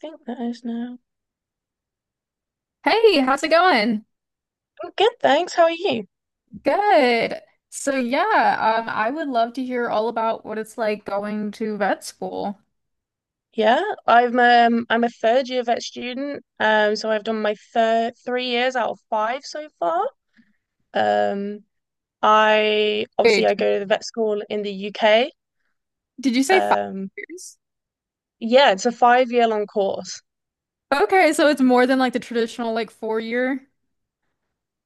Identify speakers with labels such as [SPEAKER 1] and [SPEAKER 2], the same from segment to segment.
[SPEAKER 1] Think that is now.
[SPEAKER 2] Hey, how's it going?
[SPEAKER 1] I'm good, thanks. How are you?
[SPEAKER 2] Good. So yeah, I would love to hear all about what it's like going to vet school.
[SPEAKER 1] Yeah, I'm I'm a third year vet student. So I've done my third 3 years out of five so far. Um, I obviously
[SPEAKER 2] Wait,
[SPEAKER 1] I go to the vet school in the UK.
[SPEAKER 2] did you say five
[SPEAKER 1] Um,
[SPEAKER 2] years?
[SPEAKER 1] yeah, it's a 5 year long course.
[SPEAKER 2] Okay, so it's more than like the traditional like 4 year.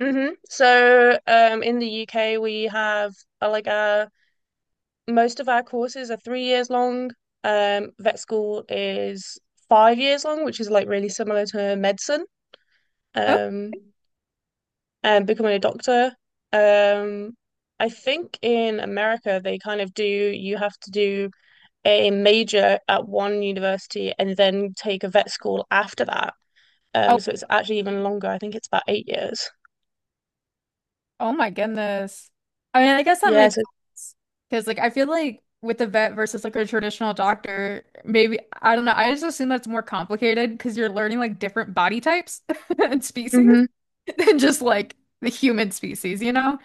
[SPEAKER 1] Mm-hmm. So in the UK we have uh, like uh most of our courses are 3 years long. Vet school is 5 years long, which is like really similar to medicine.
[SPEAKER 2] Oh,
[SPEAKER 1] Um, Becoming a doctor. Um, I think in America they kind of do, you have to do a major at one university and then take a vet school after that.
[SPEAKER 2] oh,
[SPEAKER 1] So it's actually even longer. I think it's about 8 years.
[SPEAKER 2] oh my goodness. I mean, I guess that
[SPEAKER 1] Yeah,
[SPEAKER 2] makes
[SPEAKER 1] so
[SPEAKER 2] sense because like I feel like with the vet versus like a traditional doctor, maybe I don't know. I just assume that's more complicated because you're learning like different body types and species.
[SPEAKER 1] hmm
[SPEAKER 2] Than just like the human species, you know?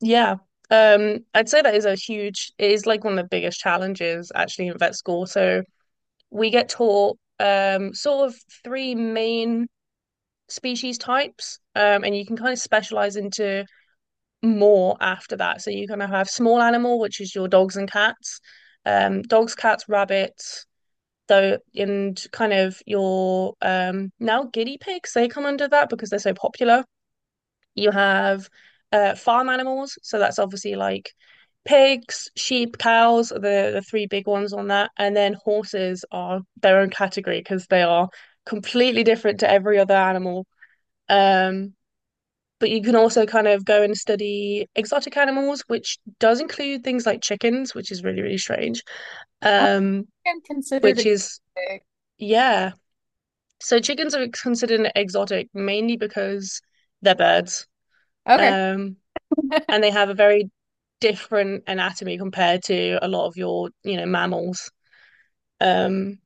[SPEAKER 1] yeah. I'd say that is a huge, it is like one of the biggest challenges actually in vet school. So we get taught sort of three main species types, and you can kind of specialize into more after that. So you're going to have small animal, which is your dogs and cats, dogs, cats, rabbits, though, and kind of your now guinea pigs. They come under that because they're so popular. You have farm animals, so that's obviously like pigs, sheep, cows are the three big ones on that, and then horses are their own category because they are completely different to every other animal. Um, but you can also kind of go and study exotic animals, which does include things like chickens, which is really, really strange.
[SPEAKER 2] How
[SPEAKER 1] Um,
[SPEAKER 2] been considered
[SPEAKER 1] which
[SPEAKER 2] a
[SPEAKER 1] is, yeah. So chickens are considered exotic mainly because they're birds.
[SPEAKER 2] Okay.
[SPEAKER 1] Um, and they have a very different anatomy compared to a lot of your mammals. Um,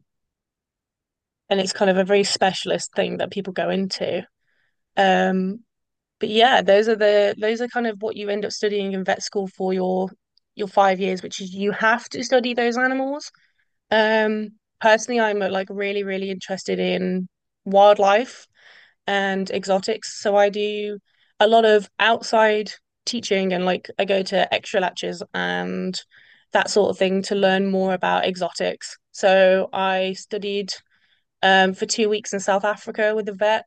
[SPEAKER 1] and it's kind of a very specialist thing that people go into. Um, But yeah, those are kind of what you end up studying in vet school for your 5 years, which is you have to study those animals. Um, Personally, I'm like really, really interested in wildlife and exotics, so I do a lot of outside teaching and like I go to extra lectures and that sort of thing to learn more about exotics. So I studied for 2 weeks in South Africa with a vet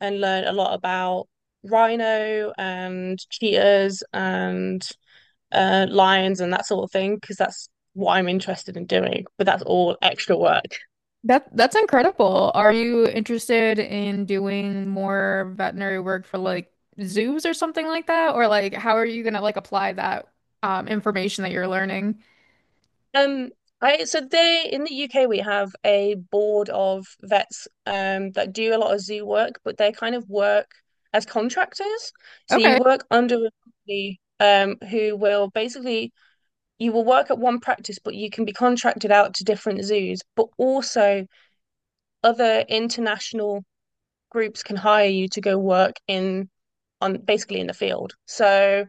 [SPEAKER 1] and learn a lot about rhino and cheetahs and lions and that sort of thing because that's what I'm interested in doing. But that's all extra work.
[SPEAKER 2] That that's incredible. Are you interested in doing more veterinary work for like zoos or something like that? Or like how are you gonna like apply that information that you're learning?
[SPEAKER 1] Um, I so they in the UK we have a board of vets that do a lot of zoo work, but they kind of work as contractors. So you
[SPEAKER 2] Okay.
[SPEAKER 1] work under a company who will basically you will work at one practice, but you can be contracted out to different zoos, but also other international groups can hire you to go work in on basically in the field. So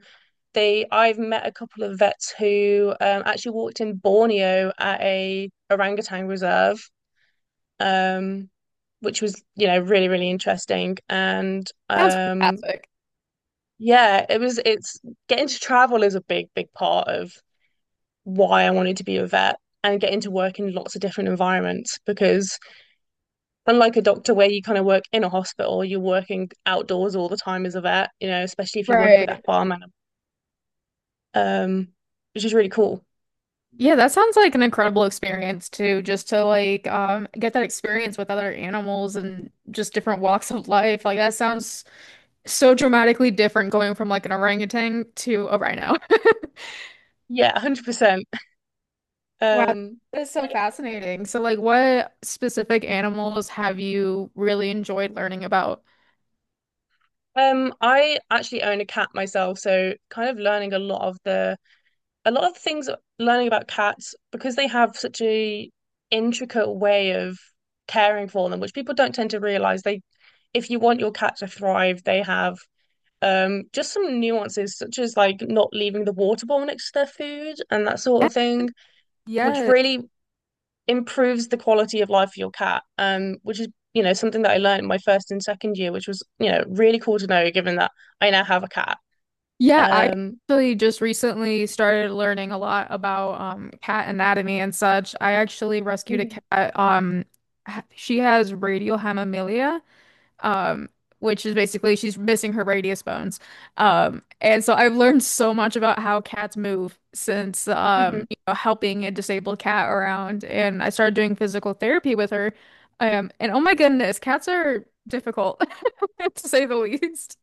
[SPEAKER 1] they I've met a couple of vets who actually walked in Borneo at a orangutan reserve, um, which was, really, really interesting. And
[SPEAKER 2] Sounds fantastic.
[SPEAKER 1] yeah, it was it's getting to travel is a big, big part of why I wanted to be a vet and get into work in lots of different environments because unlike a doctor where you kind of work in a hospital, you're working outdoors all the time as a vet, you know, especially if you work with
[SPEAKER 2] Right.
[SPEAKER 1] that farm animal, um which is really cool.
[SPEAKER 2] Yeah, that sounds like an incredible experience too, just to like get that experience with other animals and just different walks of life. Like that sounds so dramatically different going from like an orangutan to a rhino.
[SPEAKER 1] Yeah, 100%.
[SPEAKER 2] Wow,
[SPEAKER 1] um
[SPEAKER 2] that's so fascinating. So like what specific animals have you really enjoyed learning about?
[SPEAKER 1] I actually own a cat myself, so kind of learning a lot of the a lot of things, learning about cats because they have such a intricate way of caring for them, which people don't tend to realize. They, if you want your cat to thrive, they have just some nuances such as like not leaving the water bowl next to their food and that sort
[SPEAKER 2] Yeah.
[SPEAKER 1] of thing, which
[SPEAKER 2] Yes.
[SPEAKER 1] really improves the quality of life for your cat. Which is something that I learned in my first and second year, which was really cool to know given that I now have a cat.
[SPEAKER 2] Yeah, I
[SPEAKER 1] Um,
[SPEAKER 2] actually just recently started learning a lot about cat anatomy and such. I actually rescued a
[SPEAKER 1] Mhm.
[SPEAKER 2] cat. She has radiohemimelia, um, which is basically she's missing her radius bones. And so I've learned so much about how cats move since
[SPEAKER 1] Mhm.
[SPEAKER 2] you know, helping a disabled cat around. And I started doing physical therapy with her. And oh my goodness, cats are difficult to say the least.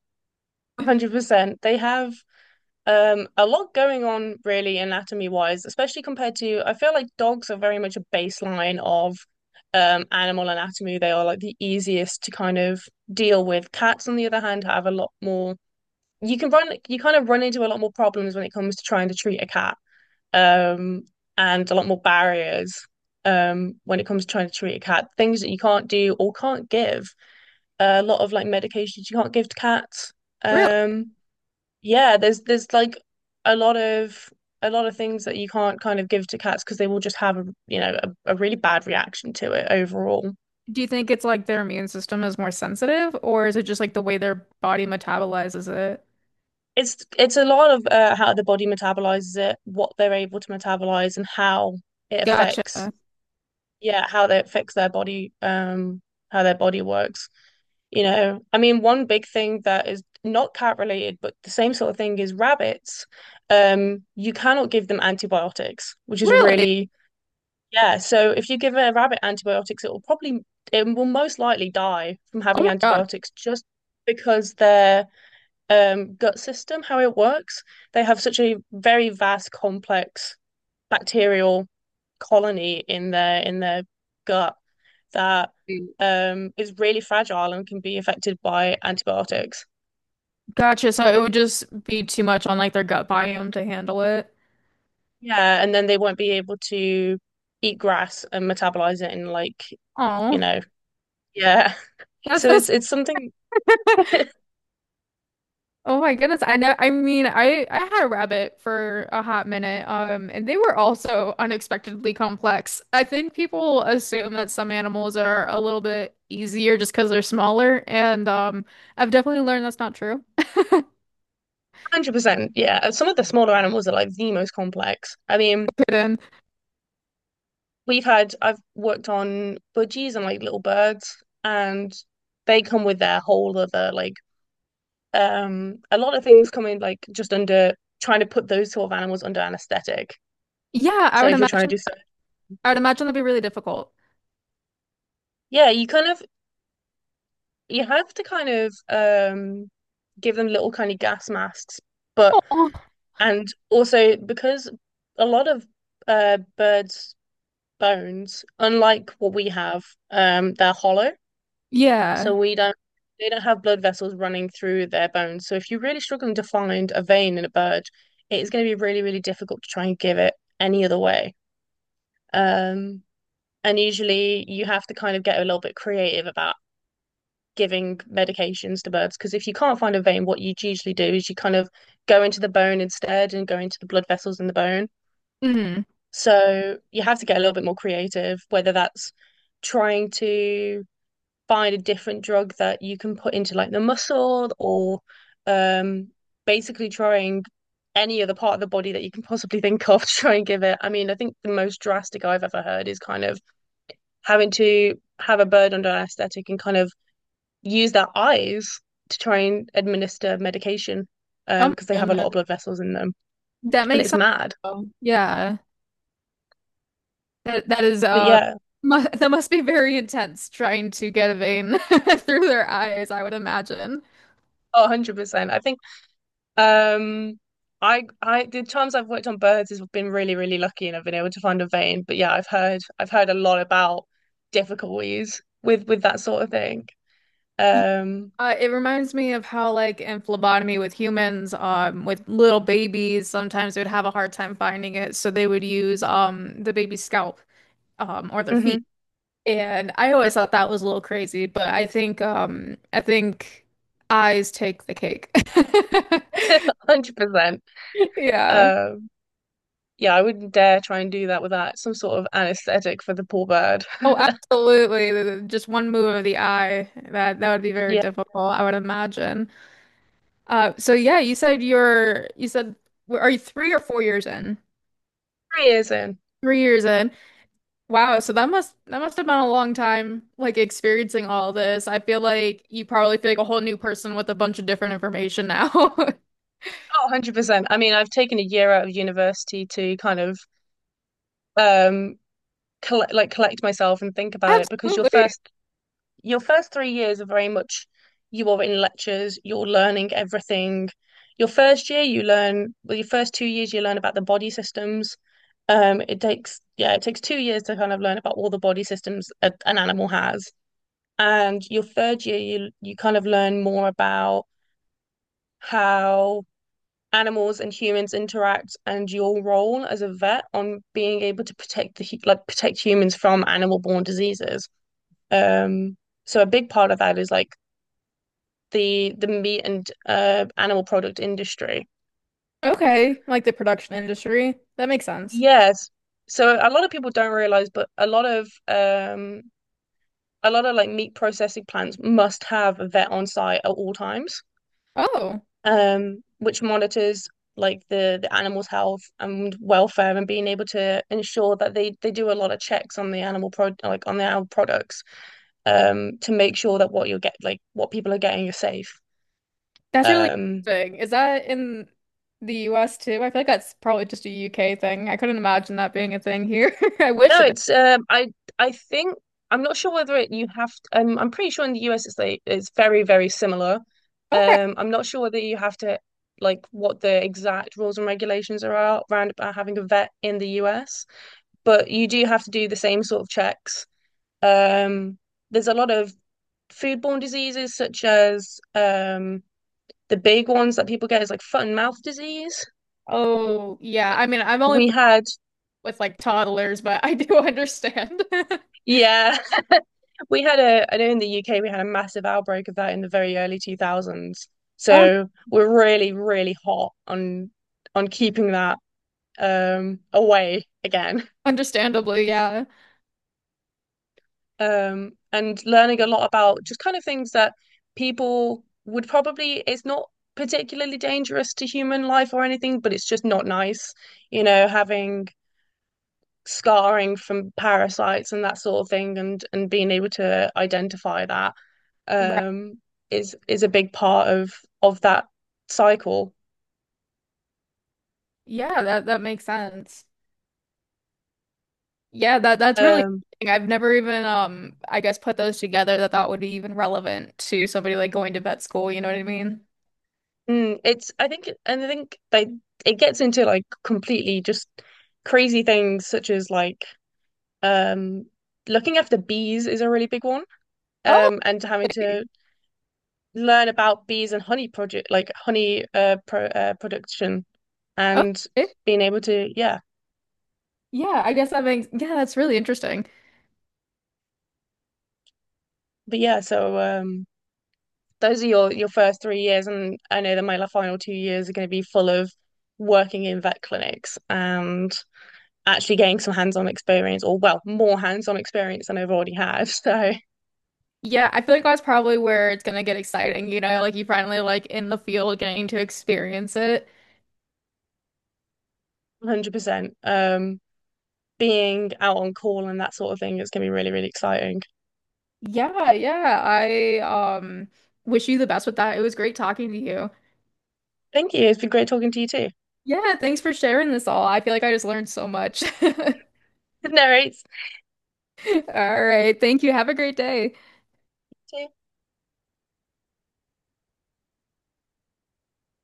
[SPEAKER 1] 100%. They have a lot going on really anatomy wise, especially compared to, I feel like dogs are very much a baseline of animal anatomy. They are like the easiest to kind of deal with. Cats, on the other hand, have a lot more, you can run you kind of run into a lot more problems when it comes to trying to treat a cat. Um, and a lot more barriers when it comes to trying to treat a cat. Things that you can't do or can't give, a lot of like medications you can't give to cats.
[SPEAKER 2] Really?
[SPEAKER 1] Um yeah, there's like a lot of a lot of things that you can't kind of give to cats because they will just have, a you know, a really bad reaction to it overall.
[SPEAKER 2] Do you think it's like their immune system is more sensitive, or is it just like the way their body metabolizes it?
[SPEAKER 1] It's a lot of how the body metabolizes it, what they're able to metabolize, and how it
[SPEAKER 2] Gotcha.
[SPEAKER 1] affects, yeah, how they affects their body, how their body works. You know, I mean, one big thing that is not cat related, but the same sort of thing is rabbits. You cannot give them antibiotics, which is
[SPEAKER 2] Really?
[SPEAKER 1] really. Yeah, so if you give a rabbit antibiotics, it will most likely die from
[SPEAKER 2] Oh
[SPEAKER 1] having
[SPEAKER 2] my God.
[SPEAKER 1] antibiotics just because their gut system, how it works, they have such a very vast, complex bacterial colony in their gut that is really fragile and can be affected by antibiotics.
[SPEAKER 2] Gotcha. So it would just be too much on like their gut biome to handle it.
[SPEAKER 1] Yeah, and then they won't be able to eat grass and metabolize it in like, you
[SPEAKER 2] Oh,
[SPEAKER 1] know, yeah.
[SPEAKER 2] that's,
[SPEAKER 1] So
[SPEAKER 2] that's
[SPEAKER 1] it's something.
[SPEAKER 2] oh my goodness. I know. I mean, I had a rabbit for a hot minute, and they were also unexpectedly complex. I think people assume that some animals are a little bit easier just because they're smaller, and I've definitely learned that's not true.
[SPEAKER 1] 100%. Yeah. Some of the smaller animals are like the most complex. I mean,
[SPEAKER 2] Good.
[SPEAKER 1] I've worked on budgies and like little birds, and they come with their whole other, like, a lot of things come in like just under trying to put those sort of animals under anesthetic.
[SPEAKER 2] Yeah, I
[SPEAKER 1] So
[SPEAKER 2] would
[SPEAKER 1] if you're trying to
[SPEAKER 2] imagine.
[SPEAKER 1] do so,
[SPEAKER 2] I would imagine that'd be really difficult.
[SPEAKER 1] yeah, you have to kind of, give them little kind of gas masks, but,
[SPEAKER 2] Oh,
[SPEAKER 1] and also because a lot of, birds bones, unlike what we have, they're hollow.
[SPEAKER 2] yeah.
[SPEAKER 1] So we don't they don't have blood vessels running through their bones. So if you're really struggling to find a vein in a bird, it is going to be really, really difficult to try and give it any other way. Um, and usually you have to kind of get a little bit creative about giving medications to birds because if you can't find a vein, what you usually do is you kind of go into the bone instead and go into the blood vessels in the bone.
[SPEAKER 2] Mm.
[SPEAKER 1] So you have to get a little bit more creative, whether that's trying to find a different drug that you can put into like the muscle or um basically trying any other part of the body that you can possibly think of to try and give it. I mean, I think the most drastic I've ever heard is kind of having to have a bird under anesthetic and kind of use their eyes to try and administer medication
[SPEAKER 2] Oh my
[SPEAKER 1] because they have a
[SPEAKER 2] goodness.
[SPEAKER 1] lot of blood vessels in them
[SPEAKER 2] That
[SPEAKER 1] and
[SPEAKER 2] makes
[SPEAKER 1] it's
[SPEAKER 2] sense.
[SPEAKER 1] mad.
[SPEAKER 2] Though. Yeah. That that is
[SPEAKER 1] But yeah,
[SPEAKER 2] mu that must be very intense trying to get a vein through their eyes, I would imagine.
[SPEAKER 1] 100%. I think. Um, I The times I've worked on birds has been really, really lucky and I've been able to find a vein. But yeah, I've heard a lot about difficulties with that sort of thing.
[SPEAKER 2] Y-
[SPEAKER 1] Um,
[SPEAKER 2] It reminds me of how like in phlebotomy with humans, with little babies, sometimes they would have a hard time finding it, so they would use the baby's scalp or their
[SPEAKER 1] hmm
[SPEAKER 2] feet. And I always thought that was a little crazy, but I think eyes take the cake.
[SPEAKER 1] 100%.
[SPEAKER 2] Yeah.
[SPEAKER 1] Um, yeah, I wouldn't dare try and do that without some sort of anesthetic for the poor bird.
[SPEAKER 2] Oh, absolutely. Just one move of the eye. That that would be very
[SPEAKER 1] Yeah,
[SPEAKER 2] difficult, I would imagine. So yeah, you said are you 3 or 4 years in?
[SPEAKER 1] 3 years in.
[SPEAKER 2] 3 years in. Wow, so that must have been a long time like experiencing all this. I feel like you probably feel like a whole new person with a bunch of different information now.
[SPEAKER 1] Oh, 100%. I mean, I've taken a year out of university to kind of um collect collect myself and think about it because
[SPEAKER 2] Absolutely.
[SPEAKER 1] your first 3 years are very much you are in lectures, you're learning everything. Your first year, you learn, well, your first 2 years, you learn about the body systems. It takes, yeah, it takes 2 years to kind of learn about all the body systems an animal has. And your third year, you kind of learn more about how animals and humans interact and your role as a vet on being able to protect the like protect humans from animal-borne diseases. Um, so a big part of that is like the meat and animal product industry.
[SPEAKER 2] Okay, like the production industry. That makes sense.
[SPEAKER 1] Yes. So a lot of people don't realize, but a lot of like meat processing plants must have a vet on site at all times,
[SPEAKER 2] Oh,
[SPEAKER 1] which monitors like the animal's health and welfare and being able to ensure that they do a lot of checks on the animal products to make sure that what you'll get like what people are getting you're safe.
[SPEAKER 2] that's really
[SPEAKER 1] Um,
[SPEAKER 2] interesting. Is that in the US too? I feel like that's probably just a UK thing. I couldn't imagine that being a thing here. I wish
[SPEAKER 1] No,
[SPEAKER 2] it.
[SPEAKER 1] it's I think I'm not sure whether it you have to, I'm pretty sure in the US it's very very similar.
[SPEAKER 2] Okay.
[SPEAKER 1] I'm not sure whether you have to like what the exact rules and regulations are out around about having a vet in the US, but you do have to do the same sort of checks. Um, there's a lot of foodborne diseases such as the big ones that people get is like foot and mouth disease.
[SPEAKER 2] Oh, yeah. I mean, I'm only
[SPEAKER 1] We
[SPEAKER 2] familiar
[SPEAKER 1] had,
[SPEAKER 2] with like toddlers, but I do understand.
[SPEAKER 1] yeah. We had a, I know in the UK we had a massive outbreak of that in the very early 2000s.
[SPEAKER 2] Oh,
[SPEAKER 1] So we're really, really hot on keeping that away again.
[SPEAKER 2] understandably, yeah.
[SPEAKER 1] And learning a lot about just kind of things that people would probably, it's not particularly dangerous to human life or anything, but it's just not nice, you know, having scarring from parasites and that sort of thing, and being able to identify that
[SPEAKER 2] Right.
[SPEAKER 1] um is a big part of that cycle.
[SPEAKER 2] Yeah, that that makes sense. Yeah, that that's really
[SPEAKER 1] Um,
[SPEAKER 2] interesting. I've never even I guess put those together that that would be even relevant to somebody like going to vet school, you know what I mean?
[SPEAKER 1] it's, I think, and I think they, it gets into like completely just crazy things such as like um looking after bees is a really big one.
[SPEAKER 2] Oh,
[SPEAKER 1] And having to learn about bees and honey project like honey production and
[SPEAKER 2] Okay.
[SPEAKER 1] being able to yeah.
[SPEAKER 2] Yeah, I guess that makes, yeah, that's really interesting.
[SPEAKER 1] But yeah, so those are your first 3 years, and I know that my final 2 years are going to be full of working in vet clinics and actually getting some hands-on experience, or well, more hands-on experience than I've already had. So,
[SPEAKER 2] Yeah, I feel like that's probably where it's gonna get exciting, you know, like you finally like in the field getting to experience it.
[SPEAKER 1] 100%. Being out on call and that sort of thing, it's going to be really, really exciting.
[SPEAKER 2] Yeah, yeah. I wish you the best with that. It was great talking to you.
[SPEAKER 1] Thank you. It's been great talking to you too.
[SPEAKER 2] Yeah, thanks for sharing this all. I feel like I just learned so much.
[SPEAKER 1] No worries.
[SPEAKER 2] All right. Thank you. Have a great day.